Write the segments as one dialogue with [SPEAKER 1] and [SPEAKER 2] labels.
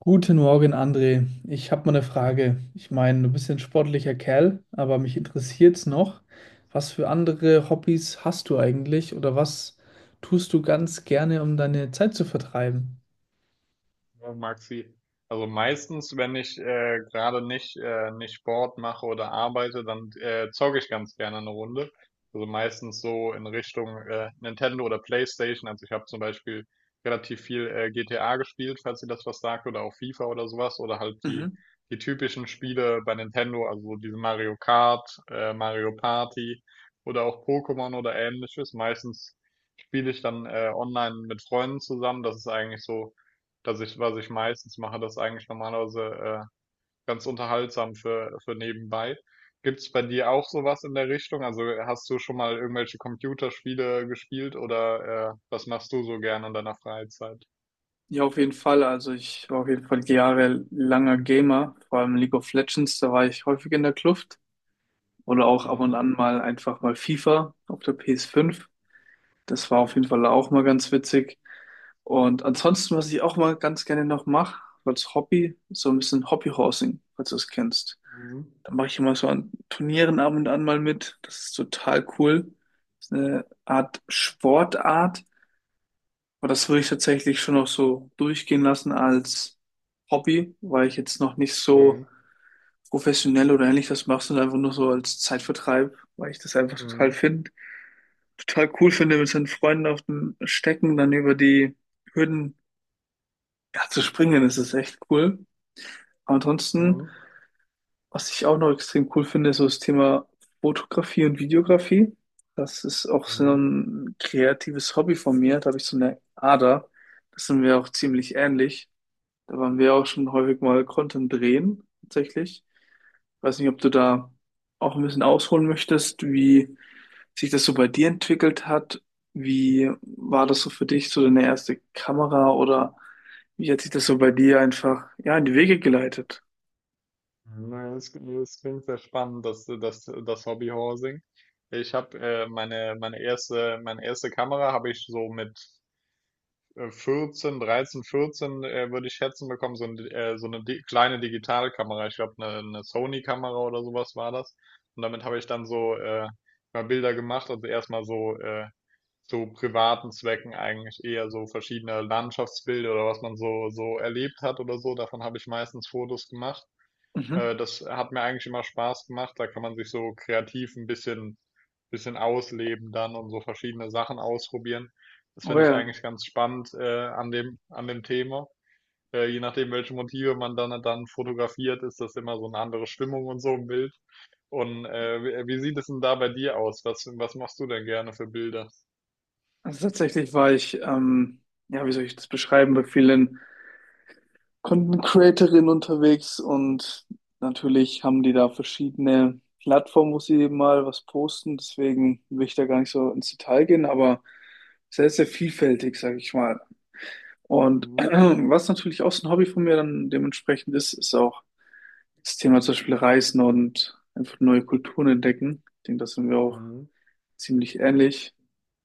[SPEAKER 1] Guten Morgen, André. Ich habe mal eine Frage. Ich meine, du bist ein sportlicher Kerl, aber mich interessiert's noch, was für andere Hobbys hast du eigentlich oder was tust du ganz gerne, um deine Zeit zu vertreiben?
[SPEAKER 2] Ja, Maxi, also meistens, wenn ich gerade nicht, nicht Sport mache oder arbeite, dann zocke ich ganz gerne eine Runde. Also meistens so in Richtung Nintendo oder PlayStation. Also ich habe zum Beispiel relativ viel GTA gespielt, falls ihr das was sagt, oder auch FIFA oder sowas, oder halt die,
[SPEAKER 1] Mhm.
[SPEAKER 2] die typischen Spiele bei Nintendo, also so diese Mario Kart, Mario Party oder auch Pokémon oder ähnliches. Meistens spiele ich dann online mit Freunden zusammen. Das ist eigentlich so, dass ich, was ich meistens mache, das eigentlich normalerweise ganz unterhaltsam für, nebenbei. Gibt's bei dir auch sowas in der Richtung? Also hast du schon mal irgendwelche Computerspiele gespielt oder was machst du so gerne in deiner Freizeit?
[SPEAKER 1] Ja, auf jeden Fall. Also ich war auf jeden Fall jahrelanger Gamer, vor allem League of Legends, da war ich häufig in der Kluft. Oder auch ab
[SPEAKER 2] Mhm.
[SPEAKER 1] und an mal einfach mal FIFA auf der PS5. Das war auf jeden Fall auch mal ganz witzig. Und ansonsten, was ich auch mal ganz gerne noch mache, als Hobby, so ein bisschen Hobbyhorsing, falls du es kennst.
[SPEAKER 2] Mhm.
[SPEAKER 1] Da mache ich immer so an Turnieren ab und an mal mit. Das ist total cool. Das ist eine Art Sportart, aber das würde ich tatsächlich schon noch so durchgehen lassen als Hobby, weil ich jetzt noch nicht so
[SPEAKER 2] Mhm.
[SPEAKER 1] professionell oder ähnlich das mache, sondern einfach nur so als Zeitvertreib, weil ich das einfach total
[SPEAKER 2] Mhm.
[SPEAKER 1] finde total cool finde, mit seinen Freunden auf dem Stecken dann über die Hürden, ja, zu springen ist es echt cool. Aber ansonsten,
[SPEAKER 2] Mhm.
[SPEAKER 1] was ich auch noch extrem cool finde, ist so das Thema Fotografie und Videografie. Das ist auch so
[SPEAKER 2] Mhm.
[SPEAKER 1] ein kreatives Hobby von mir. Da habe ich so eine Ader. Das sind wir auch ziemlich ähnlich. Da waren wir auch schon häufig mal Content drehen, tatsächlich. Ich weiß nicht, ob du da auch ein bisschen ausholen möchtest, wie sich das so bei dir entwickelt hat. Wie war das so für dich, so deine erste Kamera oder wie hat sich das so bei dir einfach, ja, in die Wege geleitet?
[SPEAKER 2] Na, das klingt sehr spannend, das Hobby. Ich habe Meine erste Kamera habe ich so mit 14, 13, 14, würde ich schätzen bekommen, so, so eine di kleine Digitalkamera. Ich glaube, eine Sony-Kamera oder sowas war das. Und damit habe ich dann so mal Bilder gemacht, also erstmal so zu privaten Zwecken eigentlich eher so verschiedene Landschaftsbilder oder was man so erlebt hat oder so. Davon habe ich meistens Fotos gemacht.
[SPEAKER 1] Mhm.
[SPEAKER 2] Das hat mir eigentlich immer Spaß gemacht. Da kann man sich so kreativ ein bisschen ausleben dann und so verschiedene Sachen ausprobieren. Das
[SPEAKER 1] Oh
[SPEAKER 2] finde ich
[SPEAKER 1] ja,
[SPEAKER 2] eigentlich ganz spannend, an dem Thema. Je nachdem, welche Motive man dann fotografiert, ist das immer so eine andere Stimmung und so im Bild. Und wie sieht es denn da bei dir aus? Was machst du denn gerne für Bilder?
[SPEAKER 1] also tatsächlich war ich, ja, wie soll ich das beschreiben, bei vielen Content Creatorinnen unterwegs und natürlich haben die da verschiedene Plattformen, wo sie mal was posten, deswegen will ich da gar nicht so ins Detail gehen, aber sehr, sehr vielfältig, sage ich mal. Und was natürlich auch so ein Hobby von mir dann dementsprechend ist, ist auch das Thema zum Beispiel Reisen und einfach neue Kulturen entdecken. Ich denke, da sind wir auch ziemlich ähnlich.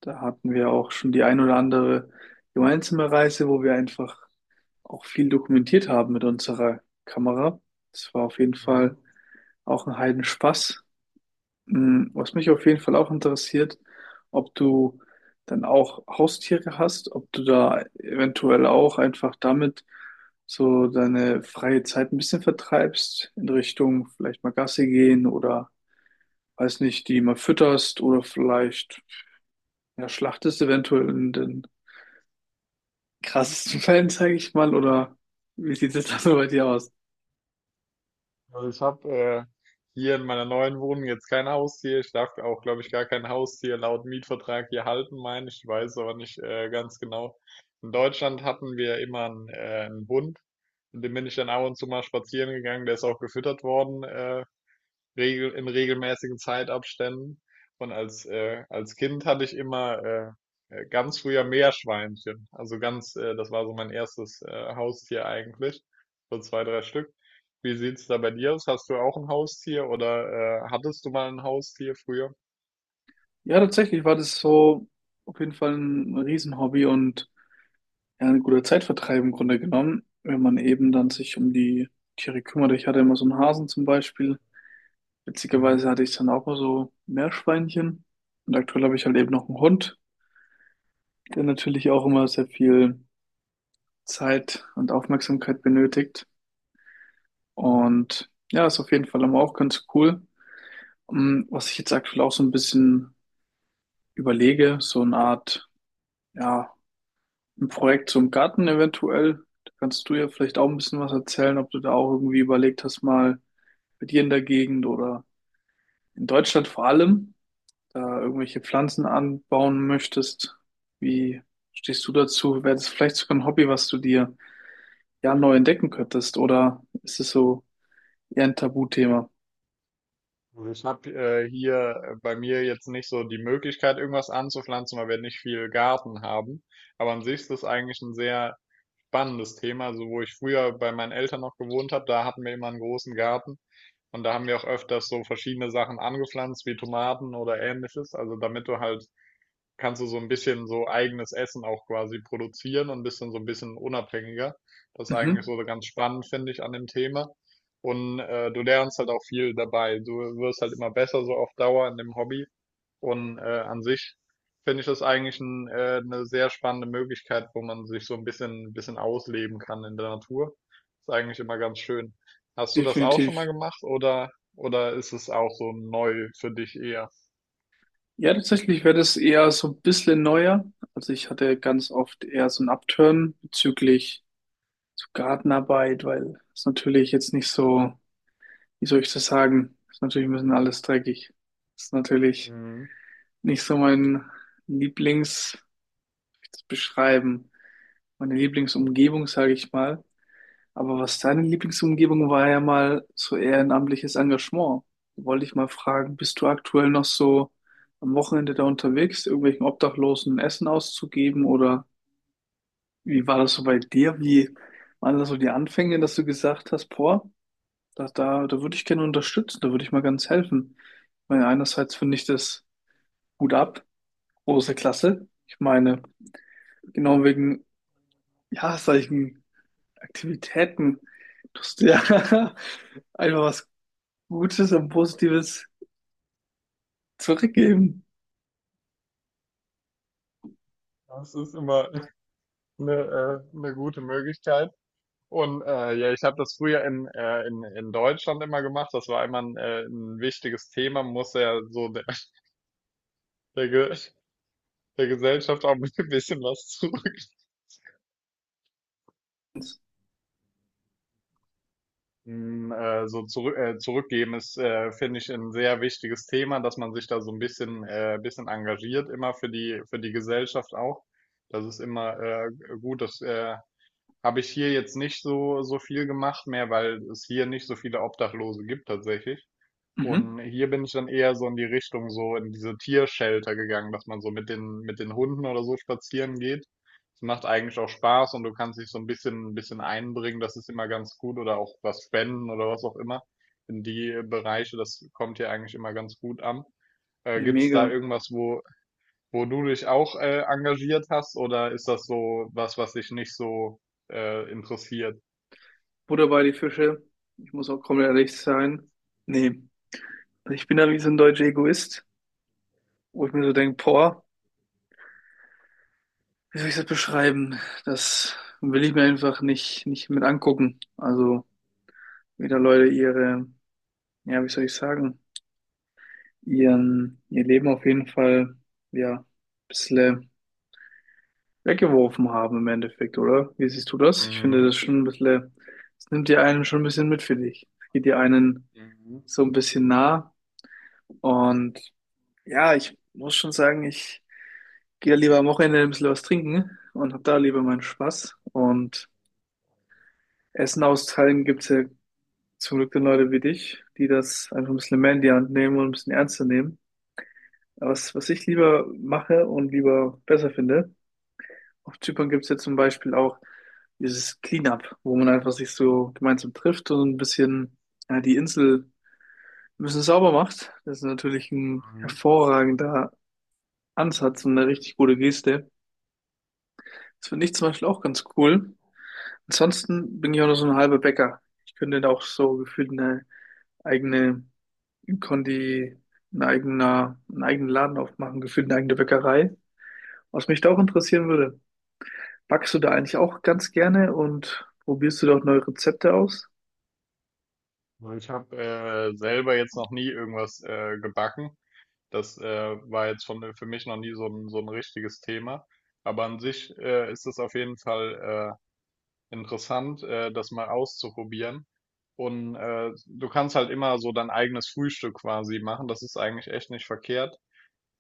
[SPEAKER 1] Da hatten wir auch schon die ein oder andere gemeinsame Reise, wo wir einfach auch viel dokumentiert haben mit unserer Kamera. Das war auf jeden Fall auch ein Heidenspaß. Mm. Was mich auf jeden Fall auch interessiert, ob du dann auch Haustiere hast, ob du da eventuell auch einfach damit so deine freie Zeit ein bisschen vertreibst, in Richtung vielleicht mal Gassi gehen oder weiß nicht, die mal fütterst oder vielleicht, ja, schlachtest eventuell in den krassesten Fällen, sage ich mal, oder wie sieht es da so bei dir aus?
[SPEAKER 2] Also ich habe hier in meiner neuen Wohnung jetzt kein Haustier. Ich darf auch, glaube ich, gar kein Haustier laut Mietvertrag hier halten, meine ich. Ich weiß aber nicht ganz genau. In Deutschland hatten wir immer einen Hund. Mit dem bin ich dann ab und zu mal spazieren gegangen. Der ist auch gefüttert worden, regel in regelmäßigen Zeitabständen. Und als Kind hatte ich immer ganz früher Meerschweinchen. Also das war so mein erstes Haustier eigentlich. So zwei, drei Stück. Wie sieht's da bei dir aus? Hast du auch ein Haustier oder hattest du mal ein Haustier früher?
[SPEAKER 1] Ja, tatsächlich war das so auf jeden Fall ein Riesenhobby und, ja, ein guter Zeitvertreib im Grunde genommen, wenn man eben dann sich um die Tiere kümmert. Ich hatte immer so einen Hasen zum Beispiel. Witzigerweise
[SPEAKER 2] Mhm.
[SPEAKER 1] hatte ich dann auch mal so Meerschweinchen. Und aktuell habe ich halt eben noch einen Hund, der natürlich auch immer sehr viel Zeit und Aufmerksamkeit benötigt.
[SPEAKER 2] Mhm.
[SPEAKER 1] Und ja, ist auf jeden Fall immer auch ganz cool. Mm. Was ich jetzt aktuell auch so ein bisschen überlege, so eine Art, ja, ein Projekt zum Garten eventuell. Da kannst du ja vielleicht auch ein bisschen was erzählen, ob du da auch irgendwie überlegt hast, mal bei dir in der Gegend oder in Deutschland vor allem, da irgendwelche Pflanzen anbauen möchtest, wie stehst du dazu? Wäre das vielleicht sogar ein Hobby, was du dir ja neu entdecken könntest? Oder ist es so eher ein Tabuthema?
[SPEAKER 2] Also ich habe hier bei mir jetzt nicht so die Möglichkeit, irgendwas anzupflanzen, weil wir nicht viel Garten haben. Aber an sich ist das eigentlich ein sehr spannendes Thema. Also wo ich früher bei meinen Eltern noch gewohnt habe, da hatten wir immer einen großen Garten und da haben wir auch öfters so verschiedene Sachen angepflanzt, wie Tomaten oder ähnliches. Also kannst du so ein bisschen so eigenes Essen auch quasi produzieren und bist dann so ein bisschen unabhängiger. Das ist eigentlich
[SPEAKER 1] Mhm,
[SPEAKER 2] so ganz spannend, finde ich, an dem Thema. Und du lernst halt auch viel dabei. Du wirst halt immer besser so auf Dauer in dem Hobby. Und an sich finde ich das eigentlich eine sehr spannende Möglichkeit, wo man sich so ein bisschen ausleben kann in der Natur. Ist eigentlich immer ganz schön. Hast du das auch schon mal
[SPEAKER 1] definitiv.
[SPEAKER 2] gemacht oder ist es auch so neu für dich eher?
[SPEAKER 1] Ja, tatsächlich wäre das eher so ein bisschen neuer. Also ich hatte ganz oft eher so ein Upturn bezüglich so Gartenarbeit, weil es natürlich jetzt nicht so, wie soll ich das sagen, ist natürlich ein bisschen alles dreckig. Ist natürlich
[SPEAKER 2] Mhm.
[SPEAKER 1] nicht so mein Lieblings, wie soll ich das beschreiben, meine Lieblingsumgebung, sage ich mal. Aber was deine Lieblingsumgebung war, ja mal so ehrenamtliches Engagement. Da wollte ich mal fragen, bist du aktuell noch so am Wochenende da unterwegs, irgendwelchen Obdachlosen Essen auszugeben oder wie war das so bei dir? Wie waren das so die Anfänge, dass du gesagt hast, boah, da würde ich gerne unterstützen, da würde ich mal ganz helfen. Ich meine, einerseits finde ich das gut ab, große Klasse. Ich meine, genau wegen, ja, solchen Aktivitäten tust du ja einfach was Gutes und Positives zurückgeben.
[SPEAKER 2] Das ist immer eine gute Möglichkeit. Und ja, ich habe das früher in Deutschland immer gemacht. Das war immer ein wichtiges Thema, muss ja so der, Ge der Gesellschaft auch ein bisschen was zurück. So zurückgeben ist, finde ich, ein sehr wichtiges Thema, dass man sich da so ein bisschen engagiert, immer für die Gesellschaft auch. Das ist immer, gut. Das habe ich hier jetzt nicht so viel gemacht mehr, weil es hier nicht so viele Obdachlose gibt tatsächlich.
[SPEAKER 1] Mhm.
[SPEAKER 2] Und hier bin ich dann eher so in die Richtung, so in diese Tiershelter gegangen, dass man so mit den Hunden oder so spazieren geht. Es macht eigentlich auch Spaß und du kannst dich so ein bisschen einbringen, das ist immer ganz gut oder auch was spenden oder was auch immer. In die Bereiche, das kommt hier eigentlich immer ganz gut an.
[SPEAKER 1] Ja,
[SPEAKER 2] Gibt's da
[SPEAKER 1] mega.
[SPEAKER 2] irgendwas, wo du dich auch engagiert hast oder ist das so was, was dich nicht so interessiert?
[SPEAKER 1] Butter bei die Fische. Ich muss auch komplett ehrlich sein. Nee, also ich bin da wie so ein deutscher Egoist, wo ich mir so denke, boah, wie soll ich das beschreiben? Das will ich mir einfach nicht mit angucken. Also, wie da Leute ihre, ja, wie soll ich sagen, ihr Leben auf jeden Fall, ja, ein bisschen weggeworfen haben im Endeffekt, oder? Wie siehst du das? Ich finde
[SPEAKER 2] Mhm.
[SPEAKER 1] das schon ein bisschen, es nimmt dir einen schon ein bisschen mit, finde ich. Es geht dir einen
[SPEAKER 2] Mhm.
[SPEAKER 1] so ein bisschen nah. Und ja, ich muss schon sagen, ich gehe lieber am Wochenende ein bisschen was trinken und habe da lieber meinen Spaß. Und Essen austeilen gibt's ja zum Glück dann Leute wie dich, die das einfach ein bisschen mehr in die Hand nehmen und ein bisschen ernster nehmen. Aber was, was ich lieber mache und lieber besser finde, auf Zypern gibt es ja zum Beispiel auch dieses Cleanup, wo man einfach sich so gemeinsam trifft und ein bisschen, ja, die Insel ein bisschen sauber macht. Das ist natürlich ein
[SPEAKER 2] Mhm.
[SPEAKER 1] hervorragender Ansatz und eine richtig gute Geste. Das finde ich zum Beispiel auch ganz cool. Ansonsten bin ich auch noch so ein halber Bäcker. Ich könnte da auch so gefühlt eine eigene Kondi, ein eigener, einen eigenen Laden aufmachen, gefühlt eine eigene Bäckerei. Was mich da auch interessieren würde, backst du da eigentlich auch ganz gerne und probierst du dort neue Rezepte aus?
[SPEAKER 2] Weil Ich habe selber jetzt noch nie irgendwas gebacken. Das war jetzt schon für mich noch nie so ein richtiges Thema. Aber an sich ist es auf jeden Fall interessant, das mal auszuprobieren. Und du kannst halt immer so dein eigenes Frühstück quasi machen. Das ist eigentlich echt nicht verkehrt,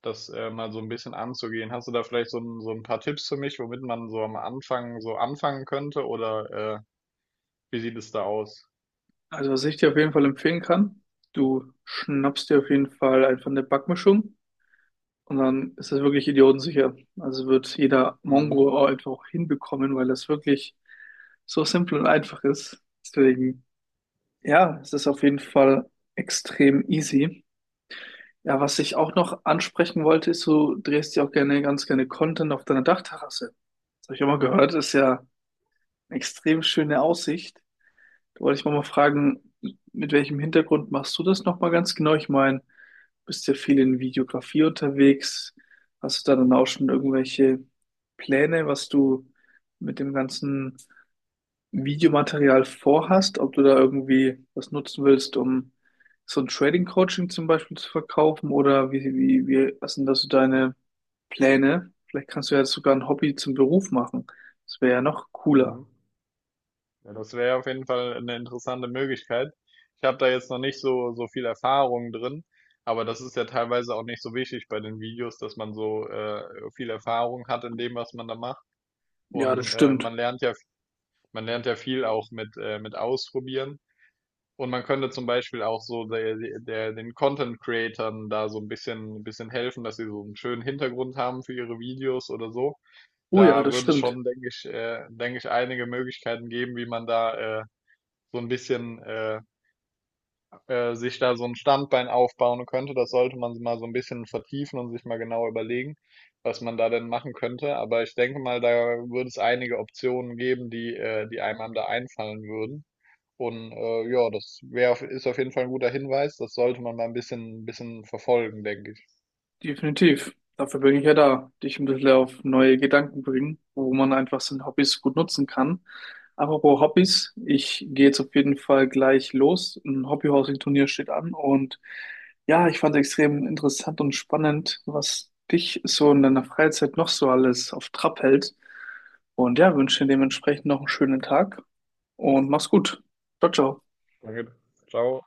[SPEAKER 2] das mal so ein bisschen anzugehen. Hast du da vielleicht so ein paar Tipps für mich, womit man so am Anfang so anfangen könnte? Oder wie sieht es da aus?
[SPEAKER 1] Also, was ich dir auf jeden Fall empfehlen kann, du schnappst dir auf jeden Fall einfach eine Backmischung und dann ist das wirklich idiotensicher. Also wird jeder
[SPEAKER 2] Mhm.
[SPEAKER 1] Mongo auch einfach auch hinbekommen, weil das wirklich so simpel und einfach ist. Deswegen, ja, es ist auf jeden Fall extrem easy. Ja, was ich auch noch ansprechen wollte, ist, du drehst ja auch gerne, ganz gerne Content auf deiner Dachterrasse. Das habe ich auch mal gehört, ist ja extrem schöne Aussicht. Da wollte ich mal fragen, mit welchem Hintergrund machst du das nochmal ganz genau? Ich meine, bist ja viel in Videografie unterwegs. Hast du da dann auch schon irgendwelche Pläne, was du mit dem ganzen Videomaterial vorhast? Ob du da irgendwie was nutzen willst, um so ein Trading-Coaching zum Beispiel zu verkaufen? Oder wie, was sind da so deine Pläne? Vielleicht kannst du ja sogar ein Hobby zum Beruf machen. Das wäre ja noch cooler.
[SPEAKER 2] Mhm. Ja, das wäre auf jeden Fall eine interessante Möglichkeit. Ich habe da jetzt noch nicht so viel Erfahrung drin, aber das ist ja teilweise auch nicht so wichtig bei den Videos, dass man so viel Erfahrung hat in dem, was man da macht.
[SPEAKER 1] Ja, das
[SPEAKER 2] Und
[SPEAKER 1] stimmt.
[SPEAKER 2] man lernt ja viel auch mit Ausprobieren. Und man könnte zum Beispiel auch so den Content-Creatern da so ein bisschen helfen, dass sie so einen schönen Hintergrund haben für ihre Videos oder so.
[SPEAKER 1] Oh ja,
[SPEAKER 2] Da
[SPEAKER 1] das
[SPEAKER 2] würde es
[SPEAKER 1] stimmt.
[SPEAKER 2] schon, denke ich, einige Möglichkeiten geben, wie man da, so ein bisschen sich da so ein Standbein aufbauen könnte. Das sollte man mal so ein bisschen vertiefen und sich mal genau überlegen, was man da denn machen könnte. Aber ich denke mal, da würde es einige Optionen geben, die einem da einfallen würden. Und ja, das ist auf jeden Fall ein guter Hinweis. Das sollte man mal ein bisschen verfolgen, denke ich.
[SPEAKER 1] Definitiv. Dafür bin ich ja da. Dich ein bisschen auf neue Gedanken bringen, wo man einfach seine Hobbys gut nutzen kann. Apropos Hobbys, ich gehe jetzt auf jeden Fall gleich los. Ein Hobbyhousing-Turnier steht an und, ja, ich fand es extrem interessant und spannend, was dich so in deiner Freizeit noch so alles auf Trab hält. Und ja, wünsche dir dementsprechend noch einen schönen Tag und mach's gut. Ciao, ciao.
[SPEAKER 2] Danke. Ciao.